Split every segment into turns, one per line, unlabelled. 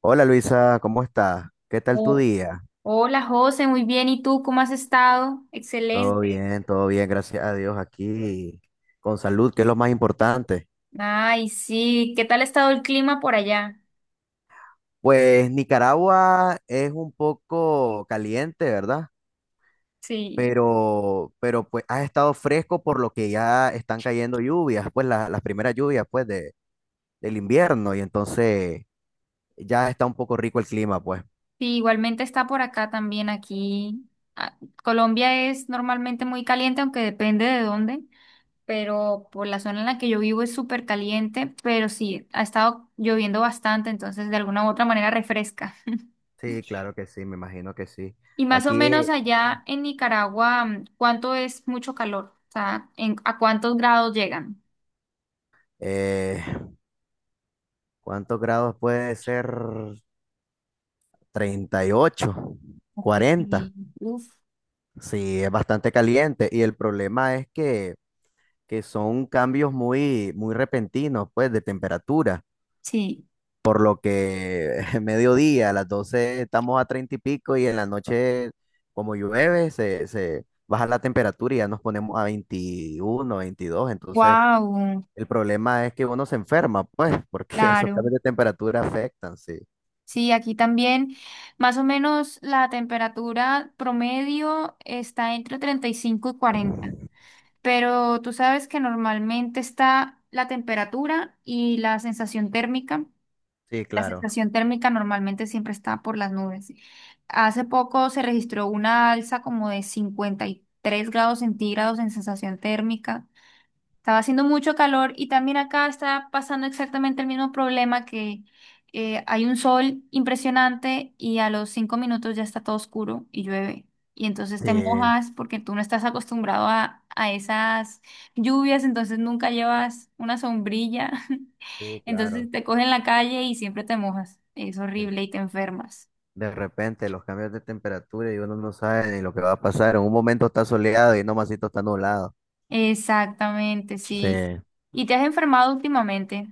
Hola Luisa, ¿cómo estás? ¿Qué tal tu
Oh,
día?
hola José, muy bien. ¿Y tú cómo has estado? Excelente.
Todo bien, gracias a Dios aquí, con salud, que es lo más importante.
Ay, sí. ¿Qué tal ha estado el clima por allá?
Pues Nicaragua es un poco caliente, ¿verdad?
Sí.
Pero pues ha estado fresco por lo que ya están cayendo lluvias, pues las primeras lluvias pues de, del invierno y entonces ya está un poco rico el clima, pues.
Sí, igualmente está por acá también aquí. Ah, Colombia es normalmente muy caliente, aunque depende de dónde, pero por la zona en la que yo vivo es súper caliente, pero sí, ha estado lloviendo bastante, entonces de alguna u otra manera refresca.
Sí, claro que sí, me imagino que sí.
Y más o
Aquí,
menos allá en Nicaragua, ¿cuánto es mucho calor? O sea, ¿a cuántos grados llegan?
eh, ¿cuántos grados puede ser? 38,
Ok,
40.
uf,
Sí, es bastante caliente. Y el problema es que son cambios muy, muy repentinos, pues, de temperatura.
sí,
Por lo que mediodía, a las 12 estamos a 30 y pico y en la noche, como llueve, se baja la temperatura y ya nos ponemos a 21, 22. Entonces,
wow,
el problema es que uno se enferma, pues, porque esos
claro.
cambios de temperatura afectan, sí.
Sí, aquí también más o menos la temperatura promedio está entre 35 y 40, pero tú sabes que normalmente está la temperatura y la sensación térmica.
Sí,
La
claro.
sensación térmica normalmente siempre está por las nubes. Hace poco se registró una alza como de 53 grados centígrados en sensación térmica. Estaba haciendo mucho calor y también acá está pasando exactamente el mismo problema que hay un sol impresionante y a los 5 minutos ya está todo oscuro y llueve. Y entonces te
Sí,
mojas porque tú no estás acostumbrado a esas lluvias, entonces nunca llevas una sombrilla.
sí, claro.
Entonces te cogen en la calle y siempre te mojas. Es horrible y te enfermas.
De repente los cambios de temperatura y uno no sabe ni lo que va a pasar. En un momento está soleado y no masito está nublado.
Exactamente,
Sí.
sí. ¿Y te has enfermado últimamente?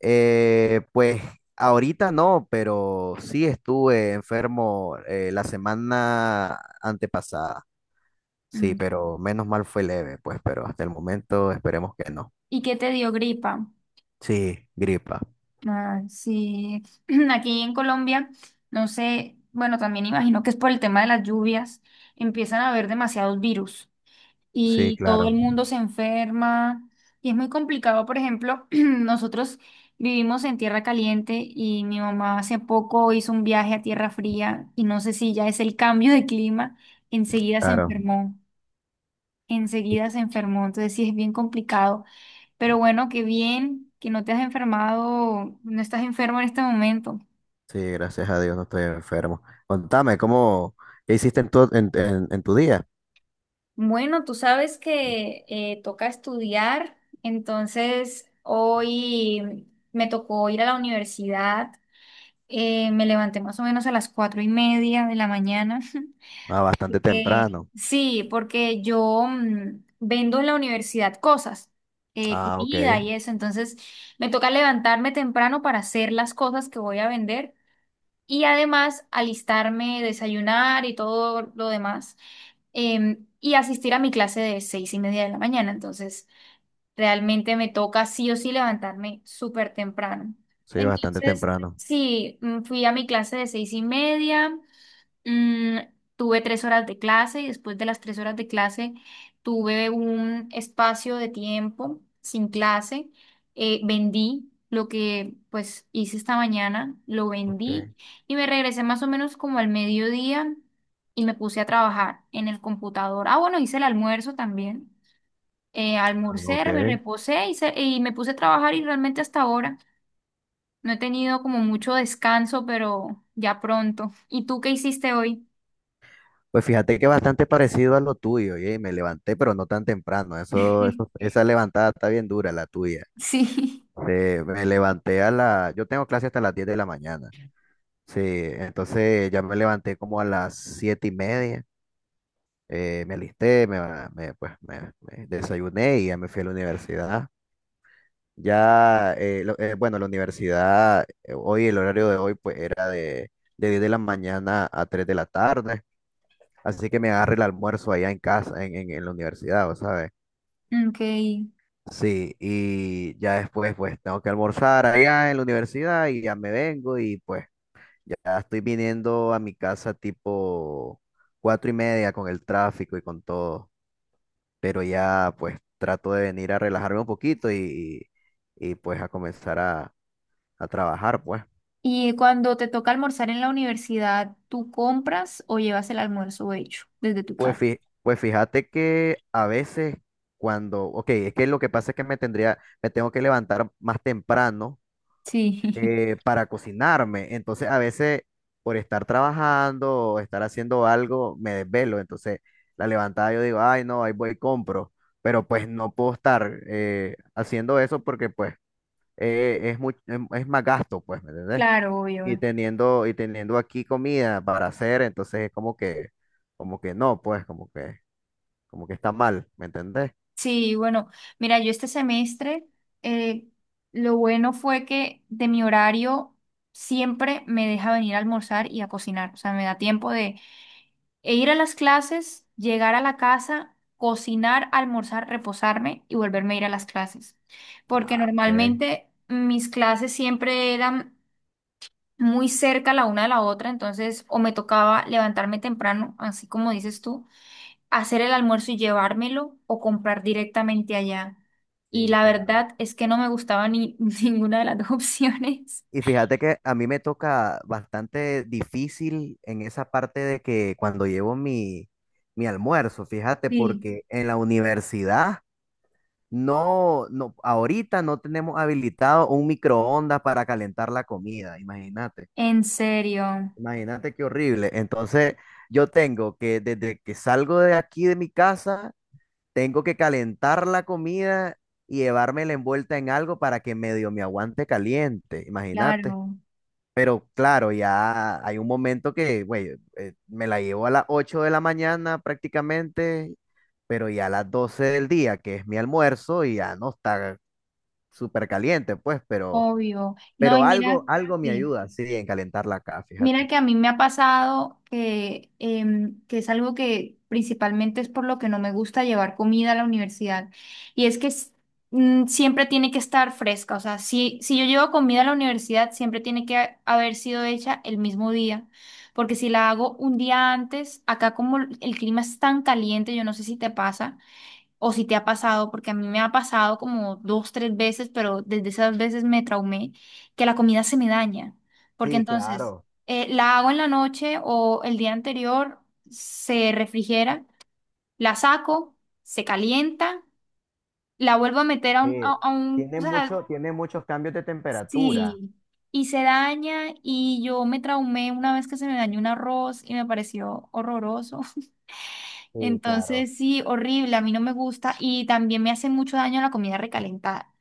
Pues ahorita no, pero sí estuve enfermo la semana antepasada. Sí,
Mm.
pero menos mal fue leve, pues, pero hasta el momento esperemos que no.
¿Y qué te dio gripa?
Sí, gripa.
Ah, sí, aquí en Colombia, no sé, bueno, también imagino que es por el tema de las lluvias, empiezan a haber demasiados virus
Sí,
y todo el
claro,
mundo se enferma y es muy complicado. Por ejemplo, nosotros vivimos en tierra caliente y mi mamá hace poco hizo un viaje a tierra fría y no sé si ya es el cambio de clima, enseguida se
claro.
enfermó, enseguida se enfermó, entonces sí es bien complicado. Pero bueno, qué bien que no te has enfermado, no estás enfermo en este momento.
Sí, gracias a Dios no estoy enfermo. Contame, ¿cómo, qué hiciste en tu día?
Bueno, tú sabes que toca estudiar, entonces hoy me tocó ir a la universidad, me levanté más o menos a las 4:30 de la mañana.
Ah, bastante
Porque,
temprano.
sí, porque yo vendo en la universidad cosas,
Ah,
comida
ok.
y eso, entonces me toca levantarme temprano para hacer las cosas que voy a vender y además alistarme, desayunar y todo lo demás, y asistir a mi clase de 6:30 de la mañana, entonces realmente me toca sí o sí levantarme súper temprano.
Sí, bastante
Entonces,
temprano.
sí, fui a mi clase de 6:30. Mm, Tuve 3 horas de clase y después de las 3 horas de clase tuve un espacio de tiempo sin clase. Vendí lo que pues hice esta mañana, lo vendí
Ok.
y me regresé más o menos como al mediodía y me puse a trabajar en el computador. Ah, bueno, hice el almuerzo también.
Ah,
Almorcé,
ok.
me reposé y me puse a trabajar y realmente hasta ahora no he tenido como mucho descanso, pero ya pronto. ¿Y tú qué hiciste hoy?
Pues fíjate que bastante parecido a lo tuyo, y me levanté, pero no tan temprano. Eso, esa levantada está bien dura, la tuya.
Sí,
Me levanté, yo tengo clase hasta las 10 de la mañana. Sí, entonces ya me levanté como a las 7:30. Me alisté, me, ba- me, pues, me desayuné y ya me fui a la universidad. Ya, bueno, la universidad, hoy, el horario de hoy, pues era de 10 de la mañana a 3 de la tarde, así que me agarré el almuerzo allá en casa, en la universidad, ¿vos sabes?
ok.
Sí, y ya después, pues tengo que almorzar allá en la universidad y ya me vengo y pues ya estoy viniendo a mi casa tipo 4:30 con el tráfico y con todo, pero ya pues trato de venir a relajarme un poquito y, pues a comenzar a trabajar, pues.
Y cuando te toca almorzar en la universidad, ¿tú compras o llevas el almuerzo hecho desde tu
Pues,
casa?
fí pues fíjate que a veces cuando, ok, es que lo que pasa es que me tengo que levantar más temprano
Sí,
para cocinarme. Entonces a veces por estar trabajando o estar haciendo algo me desvelo. Entonces la levantada yo digo, ay no, ahí voy y compro. Pero pues no puedo estar haciendo eso porque pues es más gasto, pues, ¿me entendés?
claro, obvio.
Y teniendo aquí comida para hacer, entonces es como que no, pues como que está mal, ¿me entendés?
Sí, bueno, mira, yo este semestre, eh, lo bueno fue que de mi horario siempre me deja venir a almorzar y a cocinar. O sea, me da tiempo de. E ir a las clases, llegar a la casa, cocinar, almorzar, reposarme y volverme a ir a las clases. Porque
Ah, ok.
normalmente mis clases siempre eran muy cerca la una de la otra, entonces o me tocaba levantarme temprano, así como dices tú, hacer el almuerzo y llevármelo o comprar directamente allá. Y
Sí,
la
claro.
verdad es que no me gustaba ni ninguna de las dos opciones.
Y fíjate que a mí me toca bastante difícil en esa parte de que cuando llevo mi almuerzo, fíjate,
Sí,
porque en la universidad no, no, ahorita no tenemos habilitado un microondas para calentar la comida, imagínate,
en serio,
imagínate qué horrible. Entonces yo tengo que desde que salgo de aquí de mi casa tengo que calentar la comida y llevármela envuelta en algo para que medio me aguante caliente, imagínate.
claro,
Pero claro, ya hay un momento que, güey, me la llevo a las 8 de la mañana prácticamente, pero ya a las 12 del día, que es mi almuerzo, y ya no está súper caliente, pues,
obvio. No, y
pero
mira,
algo, algo me
sí.
ayuda, sí, en calentarla acá,
Mira
fíjate.
que a mí me ha pasado que es algo que principalmente es por lo que no me gusta llevar comida a la universidad. Y es que siempre tiene que estar fresca. O sea, si yo llevo comida a la universidad, siempre tiene que haber sido hecha el mismo día. Porque si la hago un día antes, acá como el clima es tan caliente, yo no sé si te pasa o si te ha pasado, porque a mí me ha pasado como dos, tres veces, pero desde esas veces me traumé, que la comida se me daña, porque
Sí,
entonces
claro,
la hago en la noche o el día anterior, se refrigera, la saco, se calienta, la vuelvo a meter a un,
sí.
a, a un, o
Tiene
sea,
mucho, tiene muchos cambios de temperatura.
sí, y se daña, y yo me traumé una vez que se me dañó un arroz y me pareció horroroso.
Sí, claro.
Entonces, sí, horrible, a mí no me gusta y también me hace mucho daño la comida recalentada.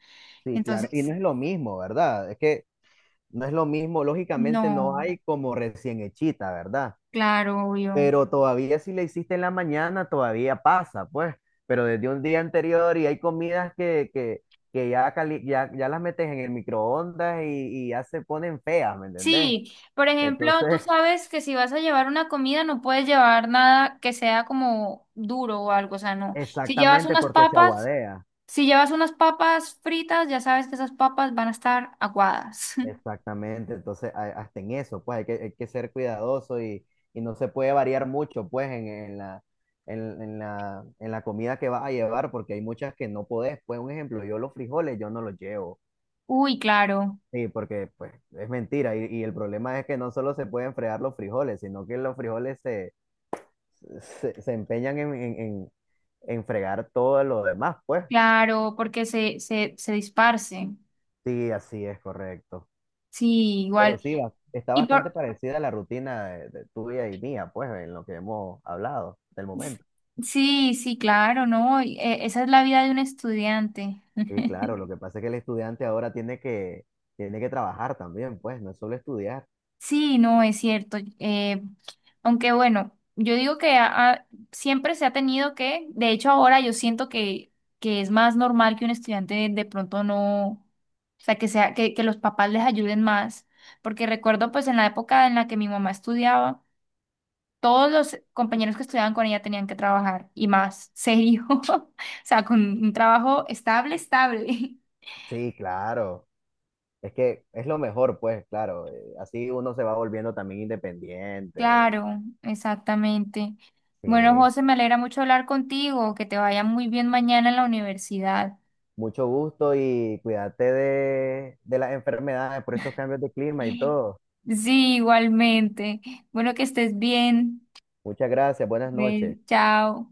Sí, claro. Y
Entonces,
no es lo mismo, ¿verdad? Es que no es lo mismo, lógicamente
no,
no hay como recién hechita, ¿verdad?
claro, obvio.
Pero todavía si la hiciste en la mañana, todavía pasa, pues. Pero desde un día anterior y hay comidas que ya las metes en el microondas y ya se ponen feas, ¿me entendés?
Sí, por ejemplo, tú
Entonces,
sabes que si vas a llevar una comida no puedes llevar nada que sea como duro o algo, o sea, no. Si llevas
exactamente
unas
porque se
papas,
aguadea.
si llevas unas papas fritas, ya sabes que esas papas van a estar aguadas.
Exactamente, entonces hasta en eso, pues hay que ser cuidadoso y no se puede variar mucho, pues en la comida que vas a llevar, porque hay muchas que no podés. Pues un ejemplo, yo los frijoles yo no los llevo,
Uy, claro,
sí, porque pues es mentira y el problema es que no solo se pueden fregar los frijoles, sino que los frijoles se empeñan en fregar todo lo demás, pues.
claro, porque se disparcen.
Sí, así es correcto.
Sí,
Pero
igual.
sí, está
Y
bastante
por...
parecida a la rutina de tuya y mía, pues, en lo que hemos hablado del momento.
Sí, sí, claro, ¿no? Y, esa es la vida de un estudiante.
Sí, claro, lo que pasa es que el estudiante ahora tiene que trabajar también, pues, no es solo estudiar.
Sí, no, es cierto. Aunque bueno, yo digo que siempre se ha tenido que, de hecho ahora yo siento que es más normal que un estudiante de pronto no, o sea, que sea, que los papás les ayuden más, porque recuerdo pues en la época en la que mi mamá estudiaba, todos los compañeros que estudiaban con ella tenían que trabajar y más serio, o sea, con un trabajo estable, estable.
Sí, claro. Es que es lo mejor, pues, claro. Así uno se va volviendo también independiente.
Claro, exactamente. Bueno,
Sí.
José, me alegra mucho hablar contigo, que te vaya muy bien mañana en la universidad.
Mucho gusto y cuídate de las enfermedades por estos cambios de clima y
Sí,
todo.
igualmente. Bueno, que estés bien.
Muchas gracias, buenas noches.
Ven, chao.